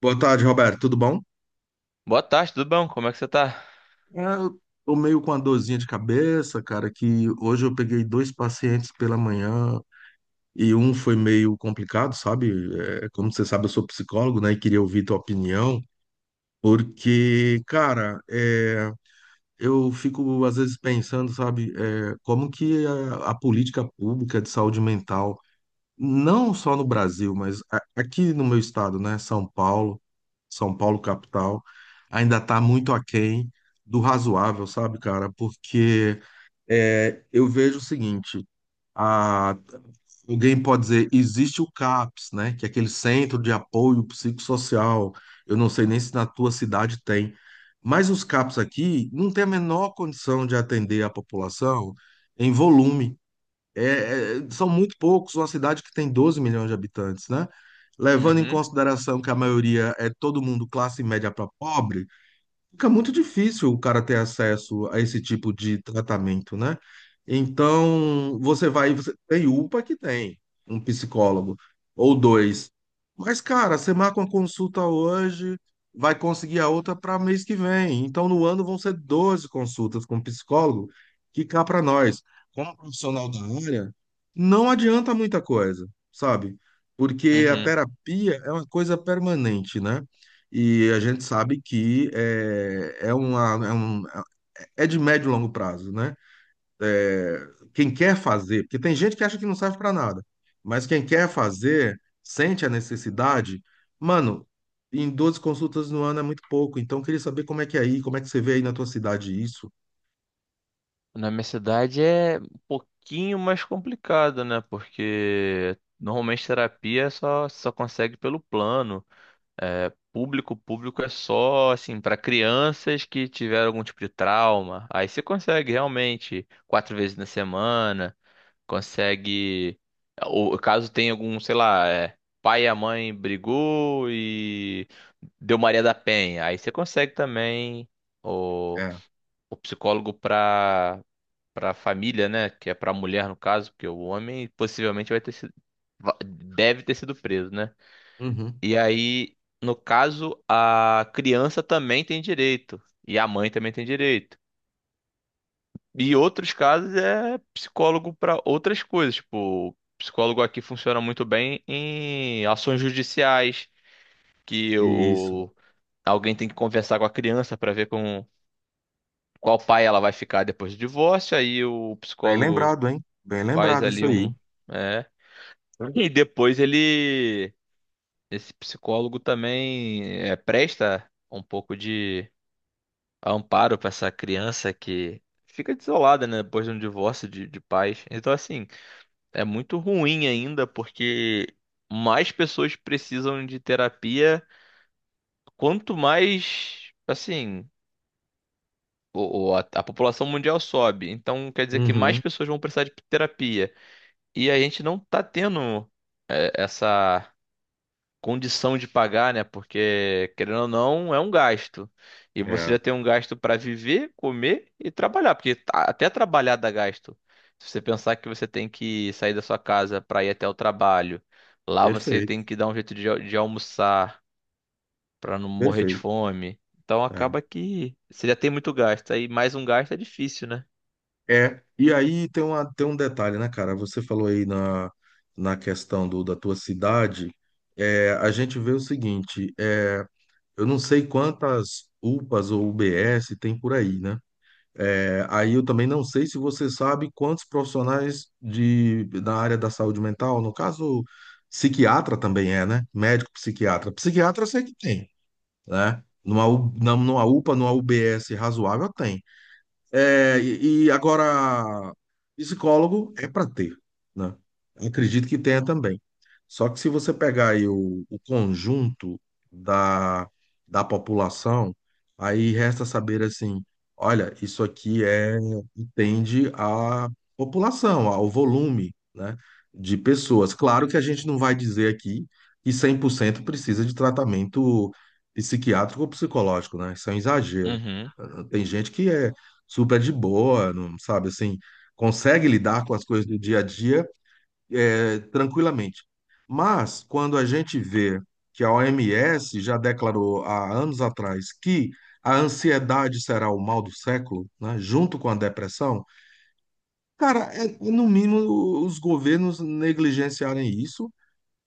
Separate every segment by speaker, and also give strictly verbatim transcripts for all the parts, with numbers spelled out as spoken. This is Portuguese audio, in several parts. Speaker 1: Boa tarde, Roberto. Tudo bom?
Speaker 2: Boa tarde, tudo bom? Como é que você tá?
Speaker 1: É, eu tô meio com uma dorzinha de cabeça, cara, que hoje eu peguei dois pacientes pela manhã e um foi meio complicado, sabe? É, como você sabe, eu sou psicólogo, né? E queria ouvir tua opinião, porque, cara, é, eu fico às vezes pensando, sabe, é, como que a, a política pública de saúde mental não só no Brasil, mas a- aqui no meu estado, né, São Paulo, São Paulo capital, ainda está muito aquém do razoável, sabe, cara? Porque é, eu vejo o seguinte, a- alguém pode dizer, existe o CAPS, né, que é aquele Centro de Apoio Psicossocial, eu não sei nem se na tua cidade tem, mas os CAPS aqui não tem a menor condição de atender a população em volume. É, é, são muito poucos, uma cidade que tem doze milhões de habitantes, né? Levando em
Speaker 2: Uhum,
Speaker 1: consideração que a maioria é todo mundo classe média para pobre, fica muito difícil o cara ter acesso a esse tipo de tratamento, né? Então, você vai, você tem UPA que tem um psicólogo ou dois. Mas, cara, você marca uma consulta hoje, vai conseguir a outra para mês que vem. Então, no ano vão ser doze consultas com um psicólogo, que cá para nós, como profissional da área, não adianta muita coisa, sabe? Porque a
Speaker 2: uhum.
Speaker 1: terapia é uma coisa permanente, né? E a gente sabe que é, é, uma, é, um, é de médio e longo prazo, né? É, quem quer fazer, porque tem gente que acha que não serve para nada, mas quem quer fazer, sente a necessidade, mano, em doze consultas no ano é muito pouco, então eu queria saber como é que é aí, como é que você vê aí na tua cidade isso.
Speaker 2: Na minha cidade é um pouquinho mais complicado, né? Porque normalmente terapia só só consegue pelo plano. É, público, público é só assim para crianças que tiveram algum tipo de trauma. Aí você consegue realmente quatro vezes na semana. Consegue. Ou caso tenha algum, sei lá, é, pai e a mãe brigou e deu Maria da Penha, aí você consegue também o,
Speaker 1: É.
Speaker 2: o psicólogo para para família, né? Que é para mulher no caso, porque o homem possivelmente vai ter sido, va- deve ter sido preso, né?
Speaker 1: Uhum.
Speaker 2: E aí, no caso, a criança também tem direito e a mãe também tem direito. E outros casos é psicólogo para outras coisas. Tipo, o psicólogo aqui funciona muito bem em ações judiciais, que
Speaker 1: Isso.
Speaker 2: o, alguém tem que conversar com a criança para ver com qual pai ela vai ficar depois do divórcio. Aí o
Speaker 1: Bem
Speaker 2: psicólogo
Speaker 1: lembrado, hein? Bem
Speaker 2: faz
Speaker 1: lembrado isso
Speaker 2: ali
Speaker 1: aí.
Speaker 2: um. É, e depois ele. Esse psicólogo também é, presta um pouco de amparo para essa criança que fica desolada, né, depois de um divórcio de, de pais. Então, assim. É muito ruim ainda, porque mais pessoas precisam de terapia, quanto mais, assim, o- o- a, a população mundial sobe. Então, quer dizer que mais
Speaker 1: Uhum.
Speaker 2: pessoas vão precisar de terapia. E a gente não tá tendo é, essa. Condição de pagar, né? Porque, querendo ou não, é um gasto. E você
Speaker 1: É.
Speaker 2: já tem um gasto para viver, comer e trabalhar, porque tá- até trabalhar dá gasto. Se você pensar que você tem que sair da sua casa para ir até o trabalho, lá você tem
Speaker 1: Perfeito,
Speaker 2: que dar um jeito de, al- de almoçar para não morrer de
Speaker 1: perfeito.
Speaker 2: fome. Então
Speaker 1: É.
Speaker 2: acaba que você já tem muito gasto. Aí mais um gasto é difícil, né?
Speaker 1: É, e aí tem uma, tem um detalhe, né, cara? Você falou aí na, na questão do, da tua cidade, é, a gente vê o seguinte, é, eu não sei quantas UPAs ou U B S tem por aí, né? É, aí eu também não sei se você sabe quantos profissionais de, da área da saúde mental, no caso, psiquiatra também é, né? Médico psiquiatra. Psiquiatra eu sei que tem, né? Numa, U- na- numa UPA, numa U B S razoável, tem. É, e, e agora, psicólogo é para ter, né? Acredito que tenha também. Só que se você pegar aí o, o conjunto da, da população, aí resta saber assim, olha, isso aqui é entende a população, ao volume, né, de pessoas. Claro que a gente não vai dizer aqui que cem por cento precisa de tratamento psiquiátrico ou psicológico, né? Isso é um exagero.
Speaker 2: Uhum.
Speaker 1: Tem gente que é super de boa, não sabe assim, consegue lidar com as coisas do dia a dia é, tranquilamente. Mas quando a gente vê que a O M S já declarou há anos atrás que a ansiedade será o mal do século, né, junto com a depressão, cara, é, no mínimo os governos negligenciarem isso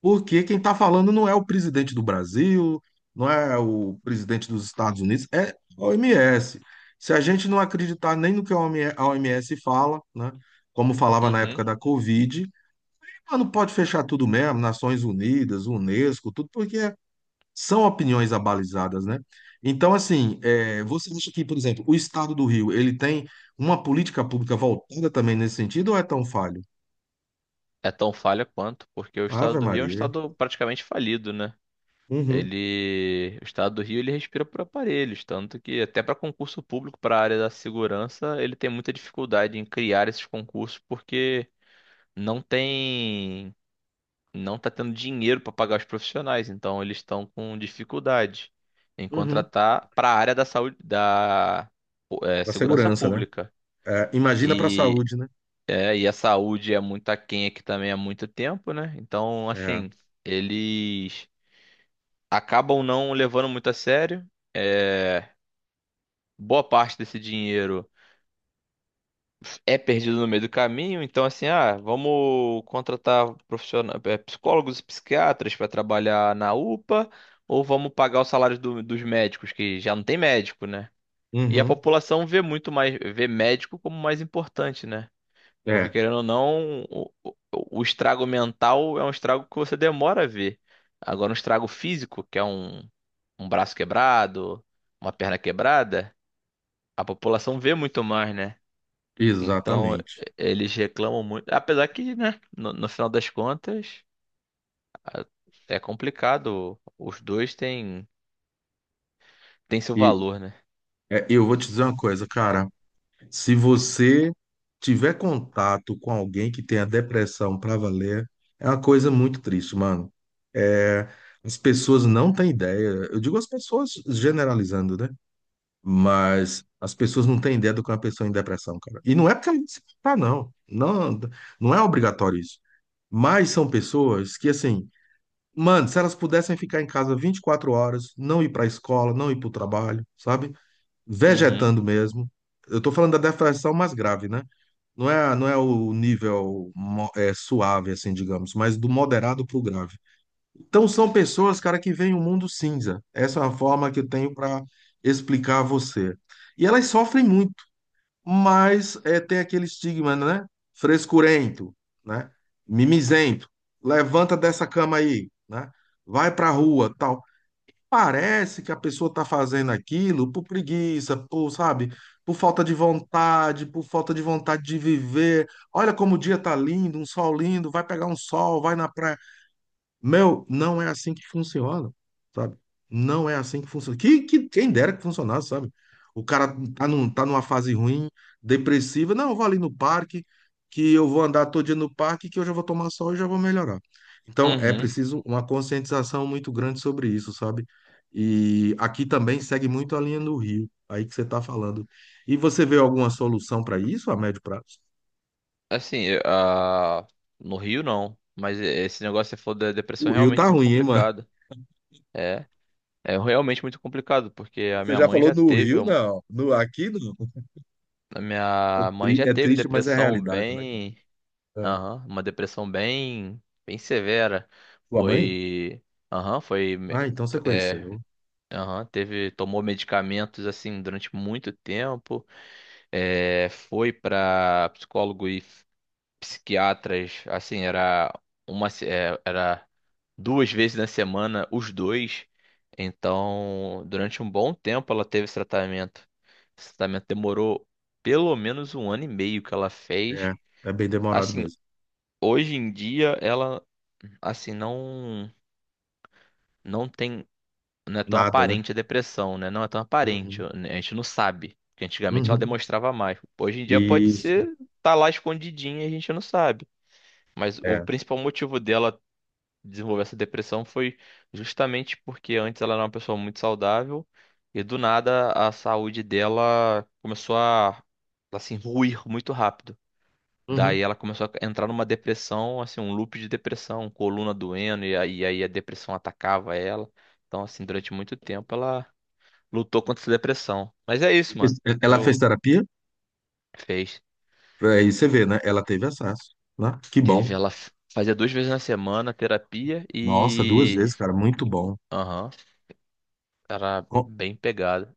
Speaker 1: porque quem está falando não é o presidente do Brasil, não é o presidente dos Estados Unidos, é a O M S. Se a gente não acreditar nem no que a O M S fala, né, como falava na
Speaker 2: uhum.
Speaker 1: época da Covid, ah, não pode fechar tudo mesmo, Nações Unidas, Unesco, tudo, porque são opiniões abalizadas, né? Então, assim, é, você acha que, por exemplo, o Estado do Rio, ele tem uma política pública voltada também nesse sentido ou é tão falho?
Speaker 2: É tão falha quanto, porque o estado
Speaker 1: Ave
Speaker 2: do Rio é um
Speaker 1: Maria.
Speaker 2: estado praticamente falido, né?
Speaker 1: Uhum,
Speaker 2: Ele, o estado do Rio, ele respira por aparelhos, tanto que até para concurso público, para a área da segurança, ele tem muita dificuldade em criar esses concursos porque não tem, não tá tendo dinheiro para pagar os profissionais, então eles estão com dificuldade em
Speaker 1: uhum.
Speaker 2: contratar para a área da saúde, da eh,
Speaker 1: Da
Speaker 2: segurança
Speaker 1: segurança, né?
Speaker 2: pública.
Speaker 1: É, imagina para a
Speaker 2: E
Speaker 1: saúde, né?
Speaker 2: é, e a saúde é muito aquém aqui também há muito tempo, né? Então,
Speaker 1: É.
Speaker 2: assim, eles acabam não levando muito a sério. É, boa parte desse dinheiro é perdido no meio do caminho. Então, assim, ah, vamos contratar profissionais, é, psicólogos e psiquiatras para trabalhar na UPA, ou vamos pagar o salário do- dos médicos, que já não tem médico, né? E a
Speaker 1: Uhum.
Speaker 2: população vê muito mais, vê médico como mais importante, né? Porque
Speaker 1: É,
Speaker 2: querendo ou não, o, o- o estrago mental é um estrago que você demora a ver. Agora, um estrago físico, que é um, um braço quebrado, uma perna quebrada, a população vê muito mais, né? Então,
Speaker 1: exatamente.
Speaker 2: e- eles reclamam muito. Apesar que, né, no, no final das contas, a- é complicado. Os dois têm, têm seu
Speaker 1: E
Speaker 2: valor, né?
Speaker 1: é, eu vou te dizer uma coisa, cara. Se você tiver contato com alguém que tenha depressão para valer, é uma coisa muito triste, mano. É, as pessoas não têm ideia. Eu digo as pessoas generalizando, né? Mas as pessoas não têm ideia do que é uma pessoa em depressão, cara. E não é porque ela se tá, não. Não, não é obrigatório isso. Mas são pessoas que, assim, mano, se elas pudessem ficar em casa 24 horas, não ir para a escola, não ir para o trabalho, sabe?
Speaker 2: Uhum,
Speaker 1: Vegetando mesmo. Eu tô falando da depressão mais grave, né? Não é, não é o nível mo- é, suave, assim, digamos, mas do moderado para o grave. Então, são pessoas, cara, que veem o mundo cinza. Essa é a forma que eu tenho para explicar a você. E elas sofrem muito, mas é, tem aquele estigma, né? Frescurento, né? Mimizento. Levanta dessa cama aí, né? Vai pra rua, tal. Parece que a pessoa tá fazendo aquilo por preguiça, por, sabe? Por falta de vontade, por falta de vontade de viver. Olha como o dia tá lindo, um sol lindo, vai pegar um sol, vai na praia, meu, não é assim que funciona, sabe? Não é assim que funciona. Que, que quem dera que funcionasse, sabe? O cara tá, num, tá numa fase ruim, depressiva. Não, eu vou ali no parque, que eu vou andar todo dia no parque, que eu já vou tomar sol e já vou melhorar. Então, é
Speaker 2: uhum.
Speaker 1: preciso uma conscientização muito grande sobre isso, sabe? E aqui também segue muito a linha do Rio, aí que você tá falando. E você vê alguma solução para isso a médio prazo?
Speaker 2: Assim, eu- ah, no Rio não. Mas esse negócio que você falou da depressão
Speaker 1: O
Speaker 2: é
Speaker 1: Rio tá
Speaker 2: realmente muito
Speaker 1: ruim, hein, mano?
Speaker 2: complicado. É, é realmente muito complicado, porque a
Speaker 1: Você
Speaker 2: minha
Speaker 1: já
Speaker 2: mãe
Speaker 1: falou
Speaker 2: já
Speaker 1: no
Speaker 2: teve,
Speaker 1: Rio,
Speaker 2: um-
Speaker 1: não. No, aqui, não.
Speaker 2: a
Speaker 1: É,
Speaker 2: minha mãe
Speaker 1: tri-
Speaker 2: já
Speaker 1: é
Speaker 2: teve
Speaker 1: triste, mas é a
Speaker 2: depressão
Speaker 1: realidade, né, cara?
Speaker 2: bem,
Speaker 1: É.
Speaker 2: aham, uma depressão bem, bem severa.
Speaker 1: Tua mãe?
Speaker 2: Foi, aham, foi, me-
Speaker 1: Ah, então você
Speaker 2: t- é,
Speaker 1: conheceu.
Speaker 2: aham, teve, tomou medicamentos assim durante muito tempo. É, foi para psicólogo e psiquiatras, assim, era uma, se- é, era duas vezes na semana, os dois. Então, durante um bom tempo ela teve esse tratamento. Esse tratamento demorou pelo menos um ano e meio que ela fez.
Speaker 1: É, é bem demorado
Speaker 2: Assim,
Speaker 1: mesmo.
Speaker 2: hoje em dia ela, assim, não, não tem, não é tão
Speaker 1: Nada, né?
Speaker 2: aparente a depressão, né? Não é tão aparente,
Speaker 1: Uhum.
Speaker 2: né? A gente não sabe. Porque antigamente ela
Speaker 1: Uhum.
Speaker 2: demonstrava mais. Hoje em dia pode
Speaker 1: Isso,
Speaker 2: ser, tá lá escondidinha, e a gente não sabe. Mas o
Speaker 1: é.
Speaker 2: principal motivo dela desenvolver essa depressão foi justamente porque antes ela era uma pessoa muito saudável e do nada a saúde dela começou a assim ruir muito rápido. Daí
Speaker 1: Uhum.
Speaker 2: ela começou a entrar numa depressão, assim, um loop de depressão, coluna doendo e aí, aí a depressão atacava ela. Então, assim, durante muito tempo ela lutou contra essa depressão. Mas é isso, mano.
Speaker 1: Fez- Ela fez
Speaker 2: Eu
Speaker 1: terapia?
Speaker 2: Fez,
Speaker 1: Aí você vê, né? Ela teve acesso, né? Que
Speaker 2: teve
Speaker 1: bom.
Speaker 2: ela f- fazia duas vezes na semana terapia
Speaker 1: Nossa, duas
Speaker 2: e
Speaker 1: vezes, cara, muito bom.
Speaker 2: aham, era
Speaker 1: Bom,
Speaker 2: bem pegada.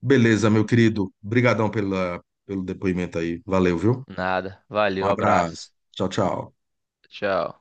Speaker 1: beleza, meu querido. Obrigadão pela, pelo depoimento aí. Valeu, viu?
Speaker 2: Nada.
Speaker 1: Um
Speaker 2: Valeu,
Speaker 1: abraço.
Speaker 2: abraço.
Speaker 1: Tchau, tchau.
Speaker 2: Tchau.